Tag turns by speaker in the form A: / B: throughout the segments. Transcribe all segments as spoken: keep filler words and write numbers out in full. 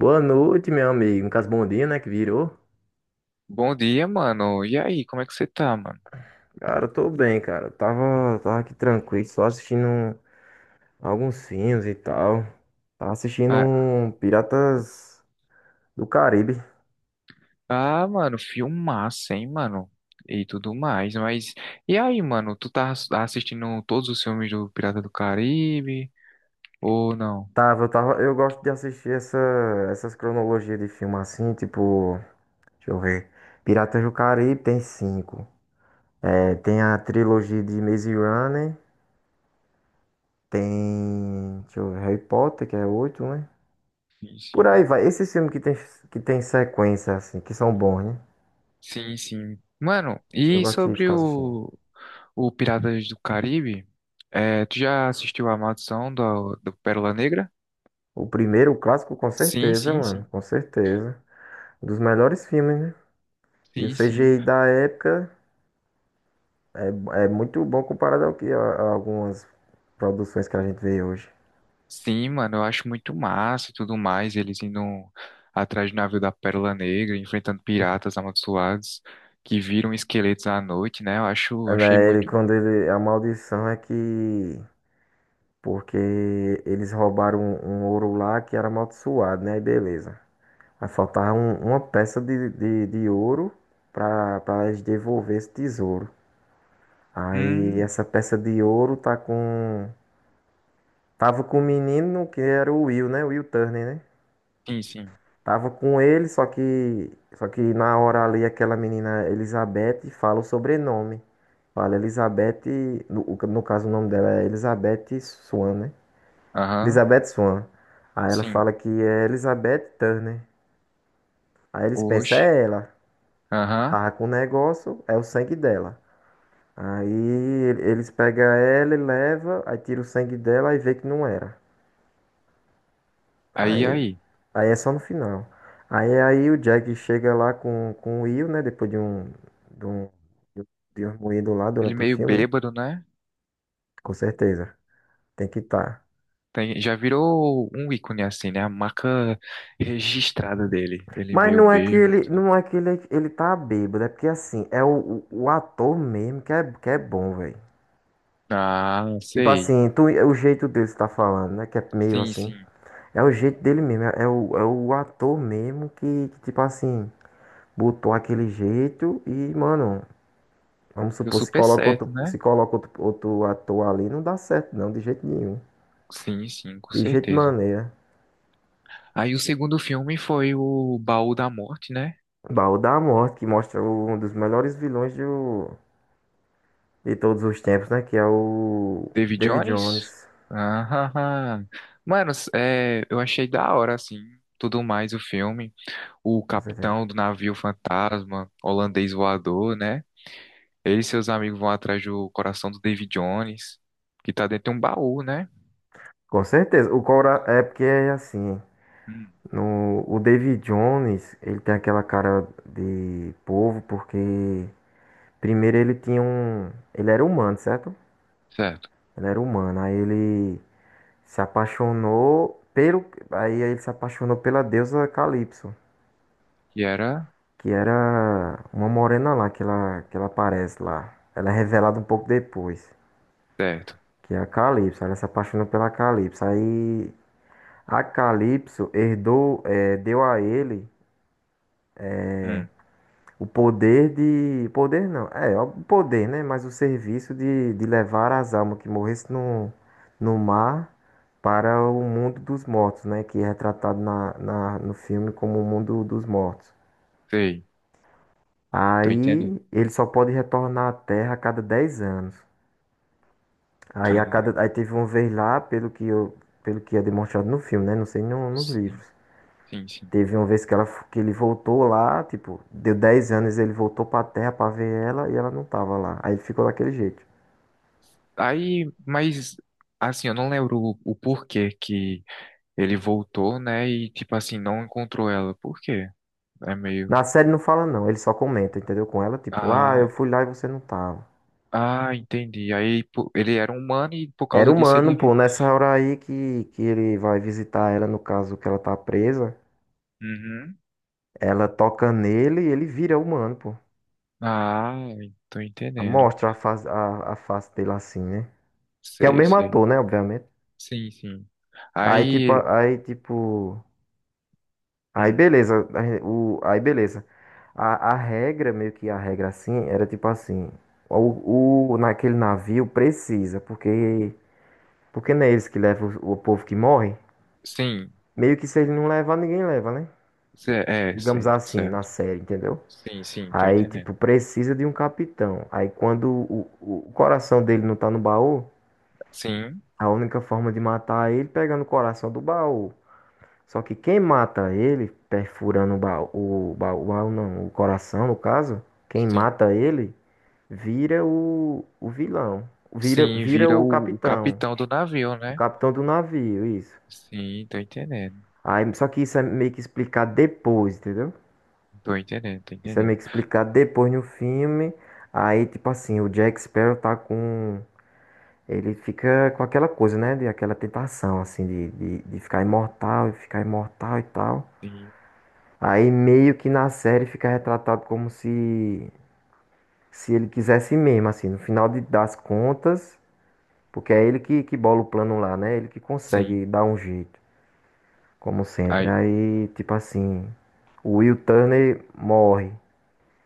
A: Boa noite, meu amigo. No caso, bom dia, né? Que virou.
B: Bom dia, mano. E aí, como é que você tá, mano?
A: Cara, eu tô bem, cara. Eu Tava, tava aqui tranquilo, só assistindo um- alguns filmes e tal. Tava assistindo
B: Ah,
A: um Piratas do Caribe.
B: ah, Mano, filmaço, hein, mano? E tudo mais, mas... E aí, mano, tu tá ass- assistindo todos os filmes do Pirata do Caribe? Ou não?
A: Tava, eu tava, eu gosto de assistir essa, essas cronologias de filme assim, tipo, deixa eu ver. Piratas do Caribe tem cinco. É, tem a trilogia de Maze Runner, tem, deixa eu ver, Harry Potter, que é oito, né?
B: Sim,
A: Por
B: sim.
A: aí vai. Esses filmes que tem, que tem sequência, assim, que são bons, né?
B: Sim, sim. Mano,
A: Eu
B: e
A: gosto de
B: sobre
A: ficar assistindo.
B: o, o Piratas do Caribe? É, tu já assistiu a Maldição do, do Pérola Negra?
A: O primeiro, o clássico, com
B: Sim,
A: certeza,
B: sim,
A: mano.
B: sim.
A: Com certeza. Um dos melhores filmes, né? E o
B: Sim, sim.
A: C G I da época é, é muito bom comparado ao que a, a algumas produções que a gente vê hoje.
B: Sim, mano, eu acho muito massa e tudo mais, eles indo atrás do navio da Pérola Negra, enfrentando piratas amaldiçoados que viram esqueletos à noite, né? Eu acho,
A: É,
B: achei
A: né? Ele,
B: muito.
A: quando ele, a maldição é que. Porque eles roubaram um, um ouro lá que era amaldiçoado, né? Aí beleza. Aí faltava um- uma peça de, de, de ouro pra, pra eles devolver esse tesouro. Aí
B: Hum,
A: essa peça de ouro tá com. Tava com o menino que era o Will, né? O Will Turner, né?
B: sim, sim.
A: Tava com ele, só que só que na hora ali aquela menina Elizabeth fala o sobrenome. Fala Elizabeth, no, o- no caso o nome dela é Elizabeth Swan, né?
B: Aham,
A: Elizabeth Swan. Aí ela
B: sim.
A: fala que é Elizabeth Turner. Aí eles pensam,
B: Oxe,
A: é ela.
B: aham.
A: Tava com o negócio, é o sangue dela. Aí ele- eles pegam ela e leva, aí tira o sangue dela e vê que não era.
B: Aí,
A: Aí,
B: aí.
A: aí é só no final. Aí, aí o Jack chega lá com, com o Will, né? Depois de um, de um, de um moído lá
B: Ele
A: durante o
B: meio
A: filme, né?
B: bêbado, né?
A: Com certeza. Tem que estar.
B: Tem, já virou um ícone assim, né? A marca registrada dele. Ele
A: Mas
B: meio
A: não é que
B: bêbado.
A: ele, não é que ele, ele tá bêbado, é porque assim, é o, o, o ator mesmo que é, que é bom, velho.
B: Ah,
A: Tipo
B: sei.
A: assim, tu, é o jeito dele que você tá falando, né? Que é meio
B: Sim,
A: assim.
B: sim.
A: É o jeito dele mesmo, é, é o, é o ator mesmo que, que, tipo assim, botou aquele jeito e, mano, vamos
B: Deu
A: supor, se
B: super
A: coloca
B: certo,
A: outro, se
B: né?
A: coloca outro, outro ator ali, não dá certo, não, de jeito nenhum.
B: Sim, sim, com
A: De jeito de
B: certeza.
A: maneira.
B: Aí o segundo filme foi o Baú da Morte, né?
A: Baú da Morte, que mostra o- um dos melhores vilões do, de todos os tempos, né? Que é o
B: David
A: David
B: Jones.
A: Jones.
B: Ah, ah, ah. Mano, é, eu achei da hora, assim, tudo mais o filme. O
A: Com certeza.
B: capitão do navio fantasma, holandês voador, né? Ele e seus amigos vão atrás do coração do David Jones, que tá dentro de um baú, né?
A: Com certeza. O Cora é porque é assim.
B: Hum,
A: No, o David Jones, ele tem aquela cara de povo, porque primeiro ele tinha um. Ele era humano, certo?
B: certo.
A: Ele era humano. Aí ele se apaixonou pelo. Aí ele se apaixonou pela deusa Calypso,
B: Que era...
A: que era uma morena lá que ela, que ela aparece lá. Ela é revelada um pouco depois,
B: Certo.
A: que é a Calypso. Ela se apaixonou pela Calypso. Aí a Calypso herdou, eh, deu a ele
B: Hum,
A: o poder de. Poder não, é, o poder, né? Mas o serviço de, de levar as almas que morressem no, no mar para o mundo dos mortos, né? Que é retratado na, na, no filme como o mundo dos mortos.
B: sei. Tô entendendo.
A: Aí ele só pode retornar à Terra a cada dez anos. Aí, a
B: Cara,
A: cada, aí teve uma vez lá, pelo que, eu, pelo que é demonstrado no filme, né? Não sei no, nos
B: sim,
A: livros.
B: sim, sim.
A: Teve uma vez que, ela, que ele voltou lá, tipo, deu dez anos, ele voltou pra Terra pra ver ela e ela não tava lá. Aí ficou daquele jeito.
B: Aí, mas, assim, eu não lembro o o porquê que ele voltou, né? E tipo assim, não encontrou ela. Por quê? É meio.
A: Na série não fala não, ele só comenta, entendeu? Com ela, tipo, ah,
B: Ah,
A: eu fui lá e você não tava.
B: ah, Entendi. Aí pô, ele era humano e por
A: Era
B: causa disso
A: humano,
B: ele viu.
A: pô, nessa hora aí que, que ele vai visitar ela, no caso que ela tá presa,
B: Uhum.
A: ela toca nele e ele vira humano, pô.
B: Ah, tô entendendo.
A: Mostra a face, a, a face dele assim, né? Que é o
B: Sei,
A: mesmo
B: sei.
A: ator, né, obviamente.
B: Sim, sim.
A: Aí, tipo,
B: Aí.
A: aí, tipo, aí
B: Hum,
A: beleza, aí o, aí beleza. A, a regra, meio que a regra assim, era tipo assim, o, o- naquele navio precisa, porque porque não é eles que levam o, o povo que morre.
B: sim.
A: Meio que se eles não levar, ninguém leva, né?
B: Cê- É,
A: Digamos
B: certo,
A: assim, na
B: certo.
A: série, entendeu?
B: Sim, sim, tô
A: Aí,
B: entendendo.
A: tipo, precisa de um capitão. Aí quando o, o o coração dele não tá no baú,
B: Sim,
A: a única forma de matar ele é pegando o coração do baú. Só que quem mata ele, perfurando o baú, o baú, o baú não, o coração no caso, quem
B: sim.
A: mata ele vira o, o vilão, vira,
B: Sim,
A: vira
B: vira
A: o
B: o, o
A: capitão,
B: capitão do navio,
A: o
B: né?
A: capitão do navio, isso.
B: Sim, tô entendendo.
A: Aí, só que isso é meio que explicado depois, entendeu?
B: Tô entendendo, tô
A: Isso é
B: entendendo.
A: meio que explicado depois no filme. Aí, tipo assim, o Jack Sparrow tá com. Ele fica com aquela coisa, né? De aquela tentação, assim, de, de, de ficar imortal e ficar imortal e tal.
B: Sim,
A: Aí meio que na série fica retratado como se se ele quisesse mesmo, assim, no final de- das contas, porque é ele que, que bola o plano lá, né? Ele que
B: sim.
A: consegue dar um jeito, como sempre.
B: Aí.
A: Aí, tipo assim, o Will Turner morre.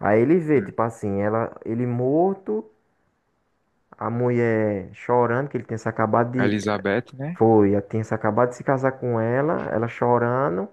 A: Aí ele vê,
B: Hum.
A: tipo assim, ela, ele morto, a mulher chorando, que ele tinha se acabado
B: A
A: de.
B: Elizabeth, né?
A: Foi, ela tinha se acabado de se casar com ela, ela chorando.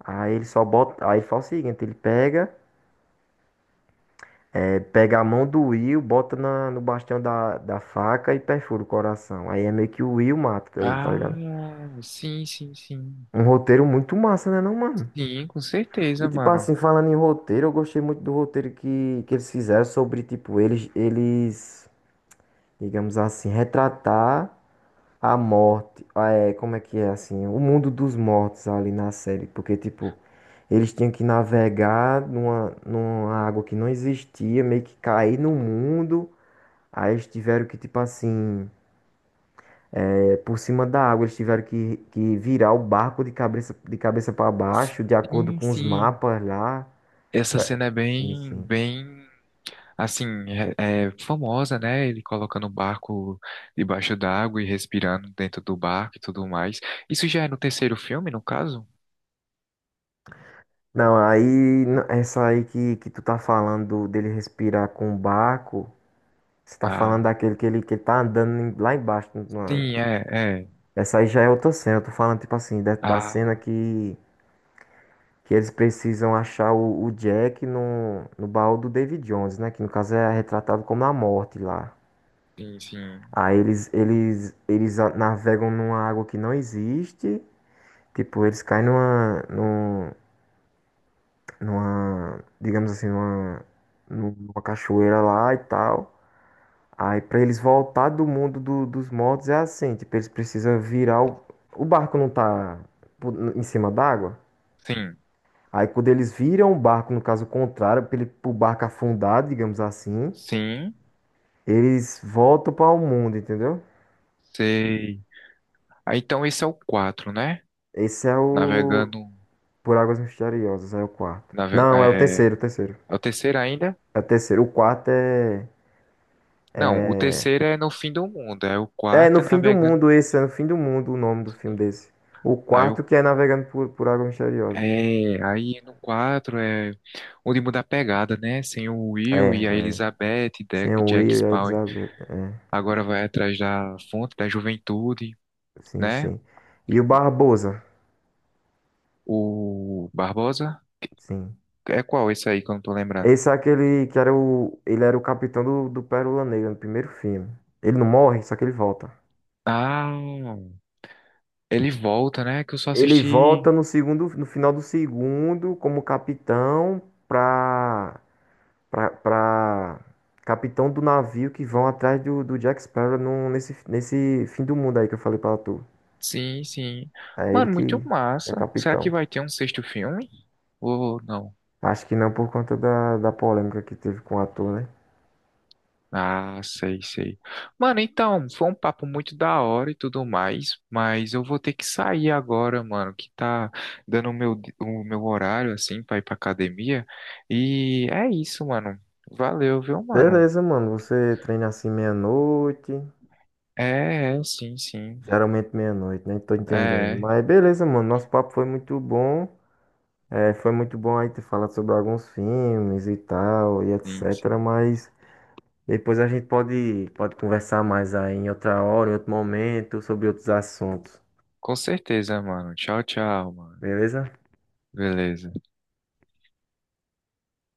A: Aí ele só bota. Aí ele faz o seguinte, ele pega. Pega a mão do Will, bota na, no bastião da, da faca e perfura o coração. Aí é meio que o Will mata ele, tá
B: Ah,
A: ligado?
B: sim, sim, sim.
A: Um roteiro muito massa, né, não, mano?
B: Sim, com
A: E
B: certeza,
A: tipo
B: mano.
A: assim, falando em roteiro, eu gostei muito do roteiro que, que eles fizeram sobre, tipo, eles, eles, digamos assim, retratar a morte. ah, É, como é que é assim? O mundo dos mortos ali na série. Porque, tipo, eles tinham que navegar numa, numa água que não existia, meio que cair no mundo. Aí eles tiveram que, tipo assim, é, por cima da água, eles tiveram que, que virar o barco de cabeça, de cabeça para baixo, de acordo
B: Sim,
A: com os
B: sim.
A: mapas lá.
B: Essa
A: Ué,
B: cena é
A: sim,
B: bem,
A: sim.
B: bem, assim, é, é famosa, né? Ele colocando o barco debaixo d'água e respirando dentro do barco e tudo mais. Isso já é no terceiro filme, no caso?
A: Não, aí, n- essa aí que, que tu tá falando do- dele respirar com o barco, você tá falando
B: Ah,
A: daquele que ele, que ele tá andando em- lá embaixo. na-
B: sim, é, é.
A: Essa aí já é outra cena. Eu tô falando, tipo assim, da, da cena
B: Ah,
A: que, que eles precisam achar o, o Jack no, no baú do David Jones, né? Que no caso é retratado como a morte lá.
B: sim, sim.
A: Aí eles, eles, eles a- navegam numa água que não existe. Tipo, eles caem numa, num- numa, digamos assim, numa, numa cachoeira lá e tal. Aí pra eles voltar do mundo do- dos mortos é assim, tipo, eles precisam virar o, o barco não tá pu- em cima d'água.
B: Sim,
A: Aí quando eles viram o barco, no caso contrário, pra ele, pro barco afundar, digamos assim,
B: sim,
A: eles voltam para o mundo, entendeu?
B: sei. Ah, então esse é o quatro, né?
A: Esse é o
B: Navegando,
A: Por Águas Misteriosas, é o quarto.
B: nave,
A: Não, é o
B: é,
A: terceiro, o terceiro.
B: é o terceiro ainda?
A: É o terceiro. O quarto é.
B: Não, o terceiro é no fim do mundo. É o
A: É no
B: quarto é
A: fim do
B: navegando.
A: mundo esse, é no fim do mundo o nome do filme desse. O
B: Aí o
A: quarto que é Navegando por, por, Águas Misteriosas.
B: é, aí no quatro é onde muda a pegada, né? Sem o
A: É,
B: Will e a
A: é.
B: Elizabeth e De-
A: Sem o
B: Jack
A: Will e a
B: Sparrow.
A: Elizabeth.
B: Agora vai atrás da fonte da juventude,
A: Sim,
B: né?
A: sim. E o Barbosa,
B: O Barbosa.
A: sim.
B: É qual esse aí que eu não tô lembrando?
A: Esse é aquele que era o. Ele era o capitão do, do Pérola Negra no primeiro filme. Ele não morre, só que ele volta.
B: Ah, ele volta, né? Que eu só
A: Ele
B: assisti.
A: volta no segundo, no final do segundo, como capitão, pra pra, pra capitão do navio que vão atrás do, do Jack Sparrow num- nesse, nesse fim do mundo aí que eu falei pra tu.
B: Sim, sim.
A: É ele
B: Mano, muito
A: que é
B: massa. Será que
A: capitão.
B: vai ter um sexto filme? Ou não?
A: Acho que não por conta da, da polêmica que teve com o ator, né?
B: Ah, sei, sei. Mano, então, foi um papo muito da hora e tudo mais, mas eu vou ter que sair agora, mano, que tá dando o meu, di- o meu horário, assim, pra ir pra academia. E é isso, mano. Valeu, viu, mano?
A: Beleza, mano. Você treina assim meia-noite.
B: É, é, sim, sim.
A: Geralmente meia-noite, né? Tô
B: É,
A: entendendo.
B: é,
A: Mas beleza, mano. Nosso papo foi muito bom. É, foi muito bom aí ter falado sobre alguns filmes e tal, e
B: sim,
A: etcétera.
B: sim.
A: Mas depois a gente pode, pode conversar mais aí em outra hora, em outro momento, sobre outros assuntos.
B: Com certeza, mano. Tchau, tchau, mano.
A: Beleza?
B: Beleza.